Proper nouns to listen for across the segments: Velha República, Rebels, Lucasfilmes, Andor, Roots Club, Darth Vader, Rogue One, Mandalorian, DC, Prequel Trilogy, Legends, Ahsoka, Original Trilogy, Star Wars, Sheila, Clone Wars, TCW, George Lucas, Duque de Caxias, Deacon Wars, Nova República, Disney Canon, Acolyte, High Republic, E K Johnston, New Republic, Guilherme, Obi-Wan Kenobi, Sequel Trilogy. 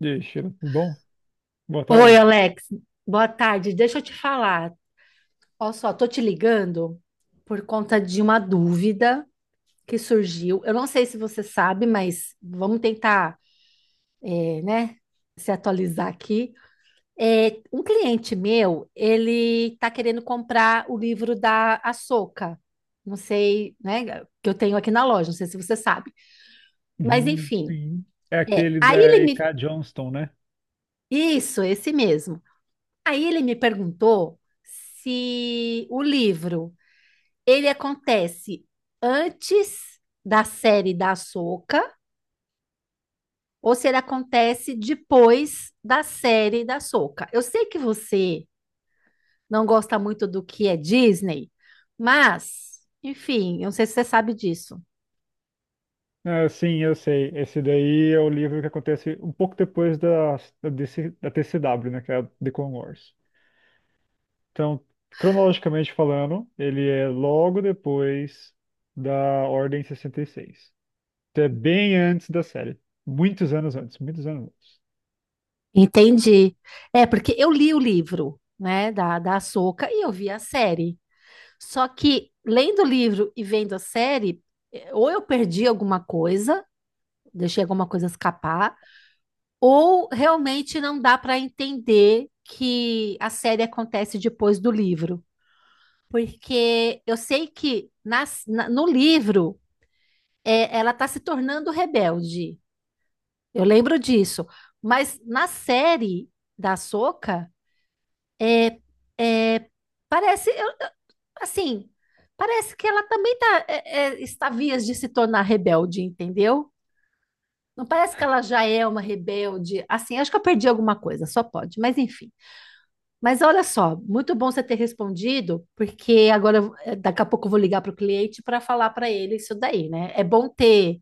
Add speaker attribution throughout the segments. Speaker 1: Deixa, tudo bom? Boa
Speaker 2: Oi,
Speaker 1: tarde.
Speaker 2: Alex. Boa tarde. Deixa eu te falar. Olha só, tô te ligando por conta de uma dúvida que surgiu. Eu não sei se você sabe, mas vamos tentar, né, se atualizar aqui. Um cliente meu, ele tá querendo comprar o livro da Assoka. Não sei, né, que eu tenho aqui na loja. Não sei se você sabe. Mas
Speaker 1: Uhum,
Speaker 2: enfim,
Speaker 1: sim. É
Speaker 2: é.
Speaker 1: aquele
Speaker 2: Aí
Speaker 1: da
Speaker 2: ele
Speaker 1: E
Speaker 2: me,
Speaker 1: K Johnston, né?
Speaker 2: isso, esse mesmo. Aí ele me perguntou se o livro ele acontece antes da série da Soca ou se ele acontece depois da série da Soca. Eu sei que você não gosta muito do que é Disney, mas, enfim, eu não sei se você sabe disso.
Speaker 1: Ah, sim, eu sei. Esse daí é o livro que acontece um pouco depois da DC da TCW, né? Que é a Deacon Wars. Então, cronologicamente falando, ele é logo depois da Ordem 66. Então, é bem antes da série. Muitos anos antes, muitos anos antes.
Speaker 2: Entendi. É, porque eu li o livro, né, da Ahsoka e eu vi a série. Só que lendo o livro e vendo a série, ou eu perdi alguma coisa, deixei alguma coisa escapar, ou realmente não dá para entender que a série acontece depois do livro. Porque eu sei que no livro ela está se tornando rebelde. Eu lembro disso. Mas na série da Ahsoka, é, é, parece, assim, parece que ela também tá, está vias de se tornar rebelde, entendeu? Não parece que ela já é uma rebelde? Assim, acho que eu perdi alguma coisa, só pode, mas enfim. Mas olha só, muito bom você ter respondido, porque agora daqui a pouco eu vou ligar para o cliente para falar para ele isso daí, né? É bom ter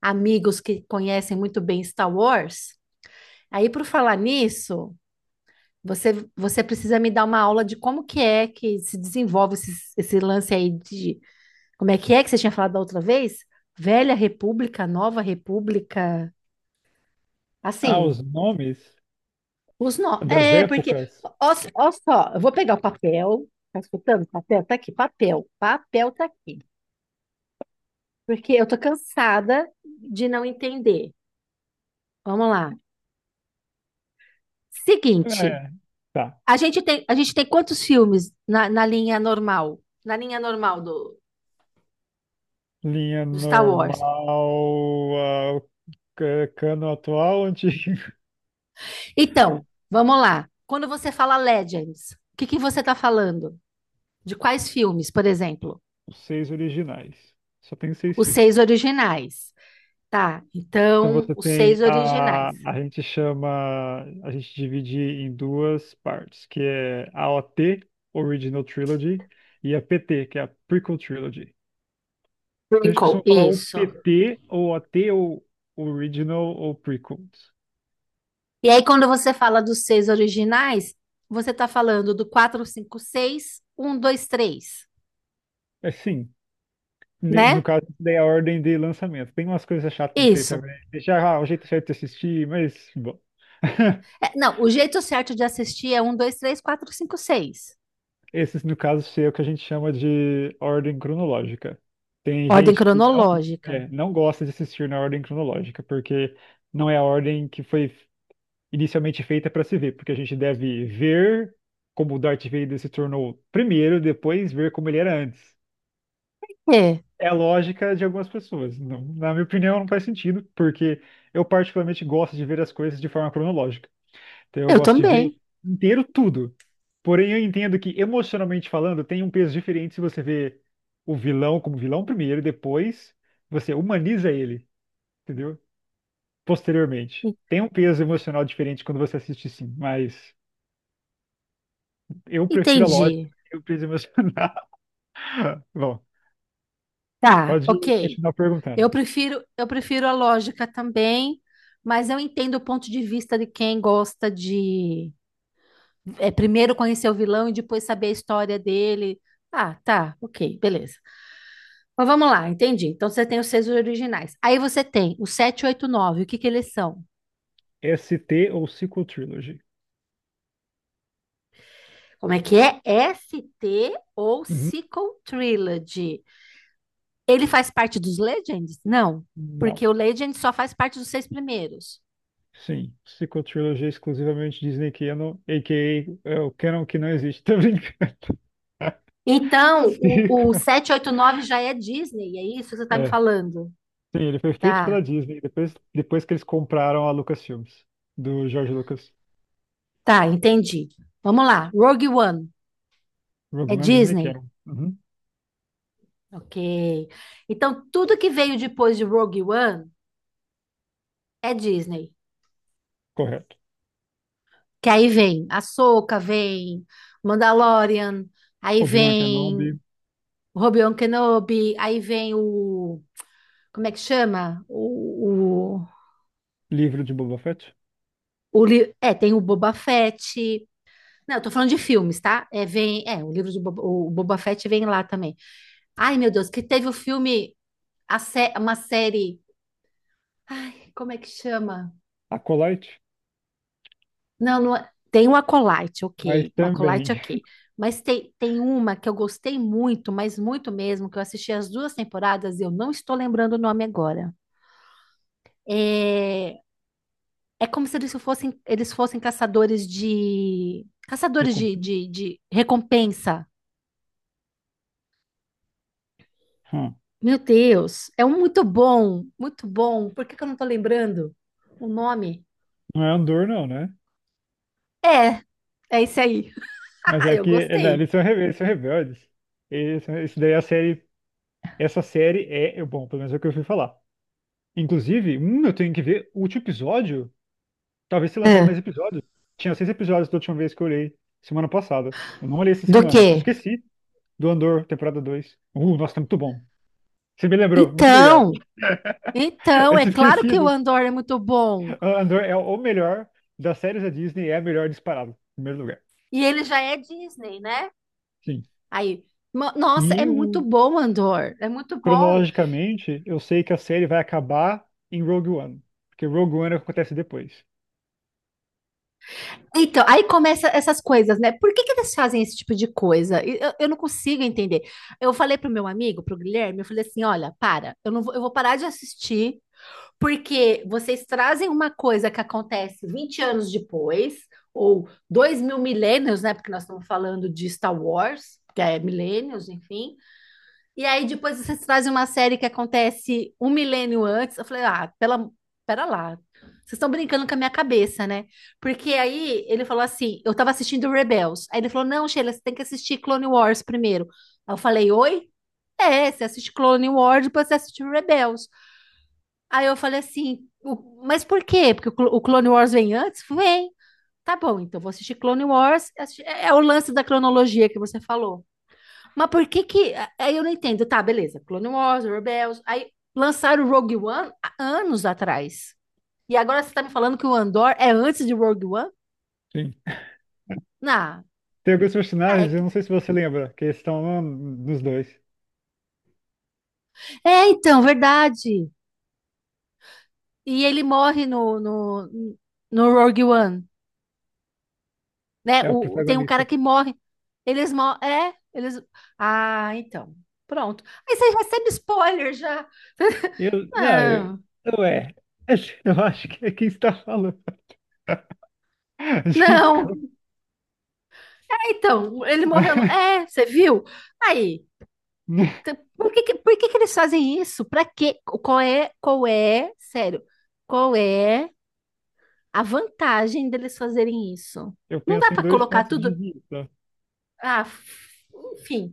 Speaker 2: amigos que conhecem muito bem Star Wars. Aí, por falar nisso, você precisa me dar uma aula de como que é que se desenvolve esse lance aí de como é que você tinha falado da outra vez? Velha República, Nova República,
Speaker 1: Ah,
Speaker 2: assim.
Speaker 1: os nomes
Speaker 2: Os nó.
Speaker 1: das
Speaker 2: Porque,
Speaker 1: épocas?
Speaker 2: ó só, eu vou pegar o papel. Tá escutando? Papel tá aqui, papel. Papel tá aqui. Porque eu tô cansada de não entender. Vamos lá. Seguinte,
Speaker 1: É, tá.
Speaker 2: a gente tem quantos filmes na, linha normal? Na linha normal do,
Speaker 1: Linha
Speaker 2: do Star Wars.
Speaker 1: normal, ca- cano atual, antigo.
Speaker 2: Então, vamos lá. Quando você fala Legends, o que que você tá falando? De quais filmes, por exemplo?
Speaker 1: Os seis originais. Só tem seis
Speaker 2: Os seis
Speaker 1: filmes.
Speaker 2: originais. Tá,
Speaker 1: Então
Speaker 2: então,
Speaker 1: você
Speaker 2: os
Speaker 1: tem
Speaker 2: seis
Speaker 1: a.
Speaker 2: originais.
Speaker 1: A gente chama. A gente divide em duas partes, que é a OT, Original Trilogy, e a PT, que é a Prequel Trilogy. Então a gente
Speaker 2: Prequel,
Speaker 1: costuma falar ou
Speaker 2: isso.
Speaker 1: PT, ou OT, ou Original, ou Prequels.
Speaker 2: E aí, quando você fala dos seis originais, você tá falando do quatro, cinco, seis, um, dois, três,
Speaker 1: É, sim. Ne- No
Speaker 2: né?
Speaker 1: caso, daí é a ordem de lançamento. Tem umas coisas chatas disso aí
Speaker 2: Isso.
Speaker 1: também. Deixar o jeito certo de assistir, mas bom.
Speaker 2: É, não, o jeito certo de assistir é um, dois, três, quatro, cinco, seis.
Speaker 1: Esses, no caso, seria o que a gente chama de ordem cronológica. Tem
Speaker 2: Ordem
Speaker 1: gente que não,
Speaker 2: cronológica.
Speaker 1: é, não gosta de assistir na ordem cronológica, porque não é a ordem que foi inicialmente feita para se ver, porque a gente deve ver como o Darth Vader se tornou primeiro, depois ver como ele era antes.
Speaker 2: É,
Speaker 1: É a lógica de algumas pessoas. Não- na minha opinião, não faz sentido, porque eu particularmente gosto de ver as coisas de forma cronológica. Então eu
Speaker 2: eu
Speaker 1: gosto de ver
Speaker 2: também.
Speaker 1: inteiro tudo. Porém, eu entendo que, emocionalmente falando, tem um peso diferente se você vê o vilão como vilão primeiro e depois você humaniza ele, entendeu? Posteriormente.
Speaker 2: En-
Speaker 1: Tem um peso emocional diferente quando você assiste, sim, mas eu prefiro a lógica
Speaker 2: Entendi.
Speaker 1: e o peso emocional. Bom,
Speaker 2: Tá,
Speaker 1: pode
Speaker 2: ok.
Speaker 1: continuar perguntando.
Speaker 2: Eu prefiro a lógica também, mas eu entendo o ponto de vista de quem gosta de primeiro conhecer o vilão e depois saber a história dele. Ah, tá, ok, beleza. Mas vamos lá, entendi. Então você tem os seis originais. Aí você tem o nove. O que que eles são?
Speaker 1: ST ou Sequel Trilogy?
Speaker 2: Como é que é? ST ou
Speaker 1: Uhum.
Speaker 2: Sequel Trilogy. Ele faz parte dos Legends? Não,
Speaker 1: Não.
Speaker 2: porque o Legend só faz parte dos seis primeiros.
Speaker 1: Sim, psicotrilogia exclusivamente Disney Canon, a.k.a. é o Canon que não existe. Tô brincando.
Speaker 2: Então, o,
Speaker 1: Psico.
Speaker 2: o sete, oito, nove já é Disney, é isso que você está me
Speaker 1: É,
Speaker 2: falando?
Speaker 1: sim, ele foi feito
Speaker 2: Tá,
Speaker 1: pela Disney depois, depois que eles compraram a Lucasfilmes, do George Lucas.
Speaker 2: tá, entendi. Vamos lá, Rogue One
Speaker 1: Rogue
Speaker 2: é
Speaker 1: One Disney
Speaker 2: Disney?
Speaker 1: Canon. Uhum,
Speaker 2: Ok. Então, tudo que veio depois de Rogue One é Disney.
Speaker 1: correto.
Speaker 2: Que aí vem Ahsoka, vem Mandalorian, aí
Speaker 1: Obi-Wan
Speaker 2: vem
Speaker 1: Kenobi,
Speaker 2: Obi-Wan Kenobi, aí vem o... Como é que chama?
Speaker 1: livro de Boba Fett.
Speaker 2: Tem o Boba Fett. Não, eu tô falando de filmes, tá? O livro do Boba, o Boba Fett vem lá também. Ai, meu Deus, que teve o filme... uma série... Ai, como é que chama?
Speaker 1: Acolyte,
Speaker 2: Não, tem o Acolyte,
Speaker 1: mas
Speaker 2: ok. O
Speaker 1: também.
Speaker 2: Acolyte, ok. Mas tem uma que eu gostei muito, mas muito mesmo, que eu assisti as duas temporadas e eu não estou lembrando o nome agora. É, é como se eles fossem caçadores de... Caçadores de,
Speaker 1: Recompensa.
Speaker 2: de, de recompensa.
Speaker 1: Hum,
Speaker 2: Meu Deus, é um muito bom, muito bom. Por que que eu não estou lembrando o nome?
Speaker 1: Não é Andor, não, né?
Speaker 2: É, é esse aí.
Speaker 1: Mas é
Speaker 2: Eu
Speaker 1: que é, não,
Speaker 2: gostei.
Speaker 1: eles são, rebe- eles são rebeldes. Eles, são- isso daí é a série. Essa série é. É bom, pelo menos é o que eu fui falar. Inclusive, eu tenho que ver o último episódio. Talvez se lançaram mais
Speaker 2: É.
Speaker 1: episódios. Tinha seis episódios da última vez que eu olhei, semana passada. Eu não olhei essa
Speaker 2: Do quê?
Speaker 1: semana. Esqueci do Andor, temporada 2. Nossa, tá muito bom. Você me lembrou, muito obrigado.
Speaker 2: Então,
Speaker 1: Eu
Speaker 2: É
Speaker 1: tinha
Speaker 2: claro que o
Speaker 1: esquecido.
Speaker 2: Andor é muito bom.
Speaker 1: Ah, Andor é o melhor das séries da Disney, é a melhor disparado, em primeiro lugar.
Speaker 2: E ele já é Disney, né?
Speaker 1: Sim.
Speaker 2: Aí, nossa, é
Speaker 1: E
Speaker 2: muito
Speaker 1: o,
Speaker 2: bom, Andor. É muito bom.
Speaker 1: cronologicamente, eu sei que a série vai acabar em Rogue One, porque Rogue One é o que acontece depois.
Speaker 2: Então, aí começa essas coisas, né? Por que que eles fazem esse tipo de coisa? E eu não consigo entender. Eu falei pro meu amigo, pro Guilherme, eu falei assim: olha, para, eu não vou, eu vou parar de assistir, porque vocês trazem uma coisa que acontece 20 anos depois, ou 2.000 milênios, né? Porque nós estamos falando de Star Wars, que é milênios, enfim. E aí depois vocês trazem uma série que acontece um milênio antes. Eu falei, ah, pera lá. Vocês estão brincando com a minha cabeça, né? Porque aí ele falou assim, eu tava assistindo Rebels. Aí ele falou, não, Sheila, você tem que assistir Clone Wars primeiro. Aí eu falei, oi? É, você assiste Clone Wars, depois você assiste Rebels. Aí eu falei assim, mas por quê? Porque o Clone Wars vem antes? Vem. Tá bom, então vou assistir Clone Wars. É o lance da cronologia que você falou. Mas por que que. Aí eu não entendo. Tá, beleza. Clone Wars, Rebels. Aí lançaram o Rogue One há anos atrás. E agora você tá me falando que o Andor é antes de Rogue One?
Speaker 1: Sim.
Speaker 2: Não.
Speaker 1: Tem alguns
Speaker 2: Ah, é,
Speaker 1: personagens, eu não sei se você lembra, que estão nos dois.
Speaker 2: é, então, verdade. E ele morre no Rogue One, né?
Speaker 1: É o
Speaker 2: O, tem um
Speaker 1: protagonista.
Speaker 2: cara que morre. Eles morrem. É, eles. Ah, então. Pronto. Aí você recebe spoiler já.
Speaker 1: Eu, não,
Speaker 2: Não,
Speaker 1: eu é. Eu acho que é quem está falando.
Speaker 2: não.
Speaker 1: Desculpa.
Speaker 2: É, então, ele morreu no. É, você viu? Aí. Então, Por que que eles fazem isso? Para quê? Qual é, sério, qual é a vantagem deles fazerem isso?
Speaker 1: Eu
Speaker 2: Não dá
Speaker 1: penso em
Speaker 2: para
Speaker 1: dois
Speaker 2: colocar
Speaker 1: pontos de
Speaker 2: tudo,
Speaker 1: vista.
Speaker 2: ah, f- enfim,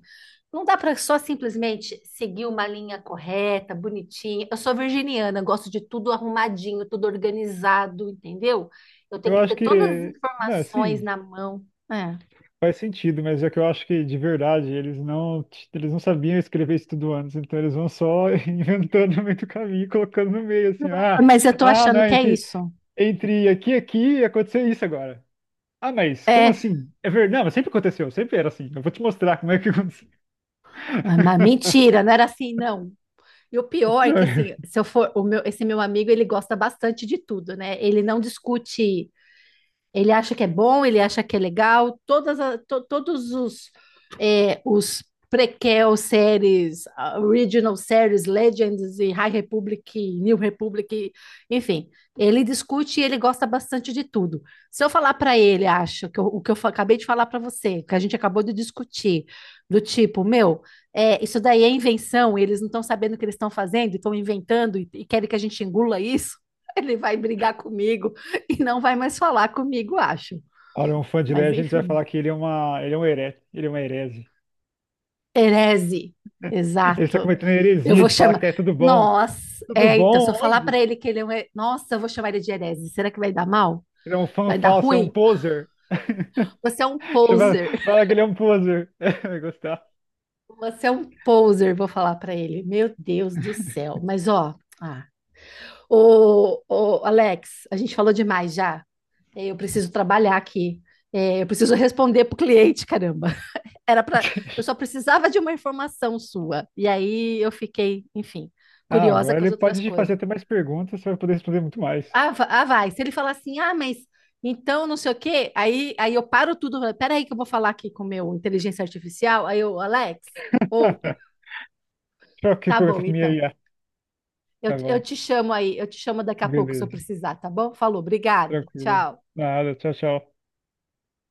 Speaker 2: não dá para só simplesmente seguir uma linha correta, bonitinha. Eu sou virginiana, gosto de tudo arrumadinho, tudo organizado, entendeu? Eu tenho
Speaker 1: Eu
Speaker 2: que
Speaker 1: acho
Speaker 2: ter todas as
Speaker 1: que, não,
Speaker 2: informações
Speaker 1: sim,
Speaker 2: na mão. É.
Speaker 1: faz sentido, mas é que eu acho que de verdade eles não sabiam escrever isso tudo antes, então eles vão só inventando no meio do caminho, e colocando no meio assim, ah,
Speaker 2: Mas eu tô
Speaker 1: ah,
Speaker 2: achando
Speaker 1: não,
Speaker 2: que é isso.
Speaker 1: entre aqui e aqui aconteceu isso agora. Ah, mas como
Speaker 2: É,
Speaker 1: assim? É verdade, não, mas sempre aconteceu, sempre era assim. Eu vou te mostrar como é que aconteceu.
Speaker 2: mas mentira, não era assim, não. E o pior é
Speaker 1: Não,
Speaker 2: que assim, se eu for, esse meu amigo, ele gosta bastante de tudo, né? Ele não discute, ele acha que é bom, ele acha que é legal. Todos os prequel séries, original séries, Legends e High Republic, New Republic, enfim, ele discute e ele gosta bastante de tudo. Se eu falar para ele, acho que o que eu acabei de falar para você, que a gente acabou de discutir, do tipo, meu, isso daí é invenção, eles não estão sabendo o que eles estão fazendo, estão inventando e querem que a gente engula isso. Ele vai brigar comigo. E não vai mais falar comigo, acho.
Speaker 1: olha, um fã de
Speaker 2: Mas
Speaker 1: Legends vai
Speaker 2: enfim.
Speaker 1: falar que ele é um herege, ele é uma herege.
Speaker 2: Herese,
Speaker 1: Ele está
Speaker 2: exato.
Speaker 1: cometendo
Speaker 2: Eu
Speaker 1: heresia
Speaker 2: vou
Speaker 1: de falar
Speaker 2: chamar.
Speaker 1: que é tudo bom.
Speaker 2: Nossa,
Speaker 1: Tudo
Speaker 2: eita, se eu
Speaker 1: bom?
Speaker 2: falar para
Speaker 1: Onde?
Speaker 2: ele que ele é um. Nossa, eu vou chamar ele de herese. Será que vai dar mal?
Speaker 1: Ele é um fã
Speaker 2: Vai dar
Speaker 1: falso, é um
Speaker 2: ruim?
Speaker 1: poser.
Speaker 2: Você é um
Speaker 1: Chama-
Speaker 2: poser.
Speaker 1: fala que ele é um poser. Vai gostar.
Speaker 2: Você é um poser, vou falar para ele. Meu Deus do céu. Mas ó, ah. Ô, ô, Alex, a gente falou demais já. Eu preciso trabalhar aqui. Eu preciso responder pro cliente, caramba. Era para, eu só precisava de uma informação sua. E aí eu fiquei, enfim,
Speaker 1: Ah,
Speaker 2: curiosa
Speaker 1: agora
Speaker 2: com as
Speaker 1: ele
Speaker 2: outras
Speaker 1: pode te fazer
Speaker 2: coisas.
Speaker 1: até mais perguntas, você vai poder responder muito mais.
Speaker 2: Vai. Se ele falar assim, ah, mas então não sei o quê, aí eu paro tudo. Pera aí que eu vou falar aqui com o meu inteligência artificial. Aí eu, Alex, ou
Speaker 1: Tchau, que
Speaker 2: tá bom,
Speaker 1: pergunta minha aí.
Speaker 2: então.
Speaker 1: Ah.
Speaker 2: Eu,
Speaker 1: Tá
Speaker 2: eu
Speaker 1: bom.
Speaker 2: te chamo aí, eu te chamo daqui a pouco se eu
Speaker 1: Beleza.
Speaker 2: precisar, tá bom? Falou, obrigada.
Speaker 1: Tranquilo.
Speaker 2: Tchau.
Speaker 1: Nada, tchau, tchau.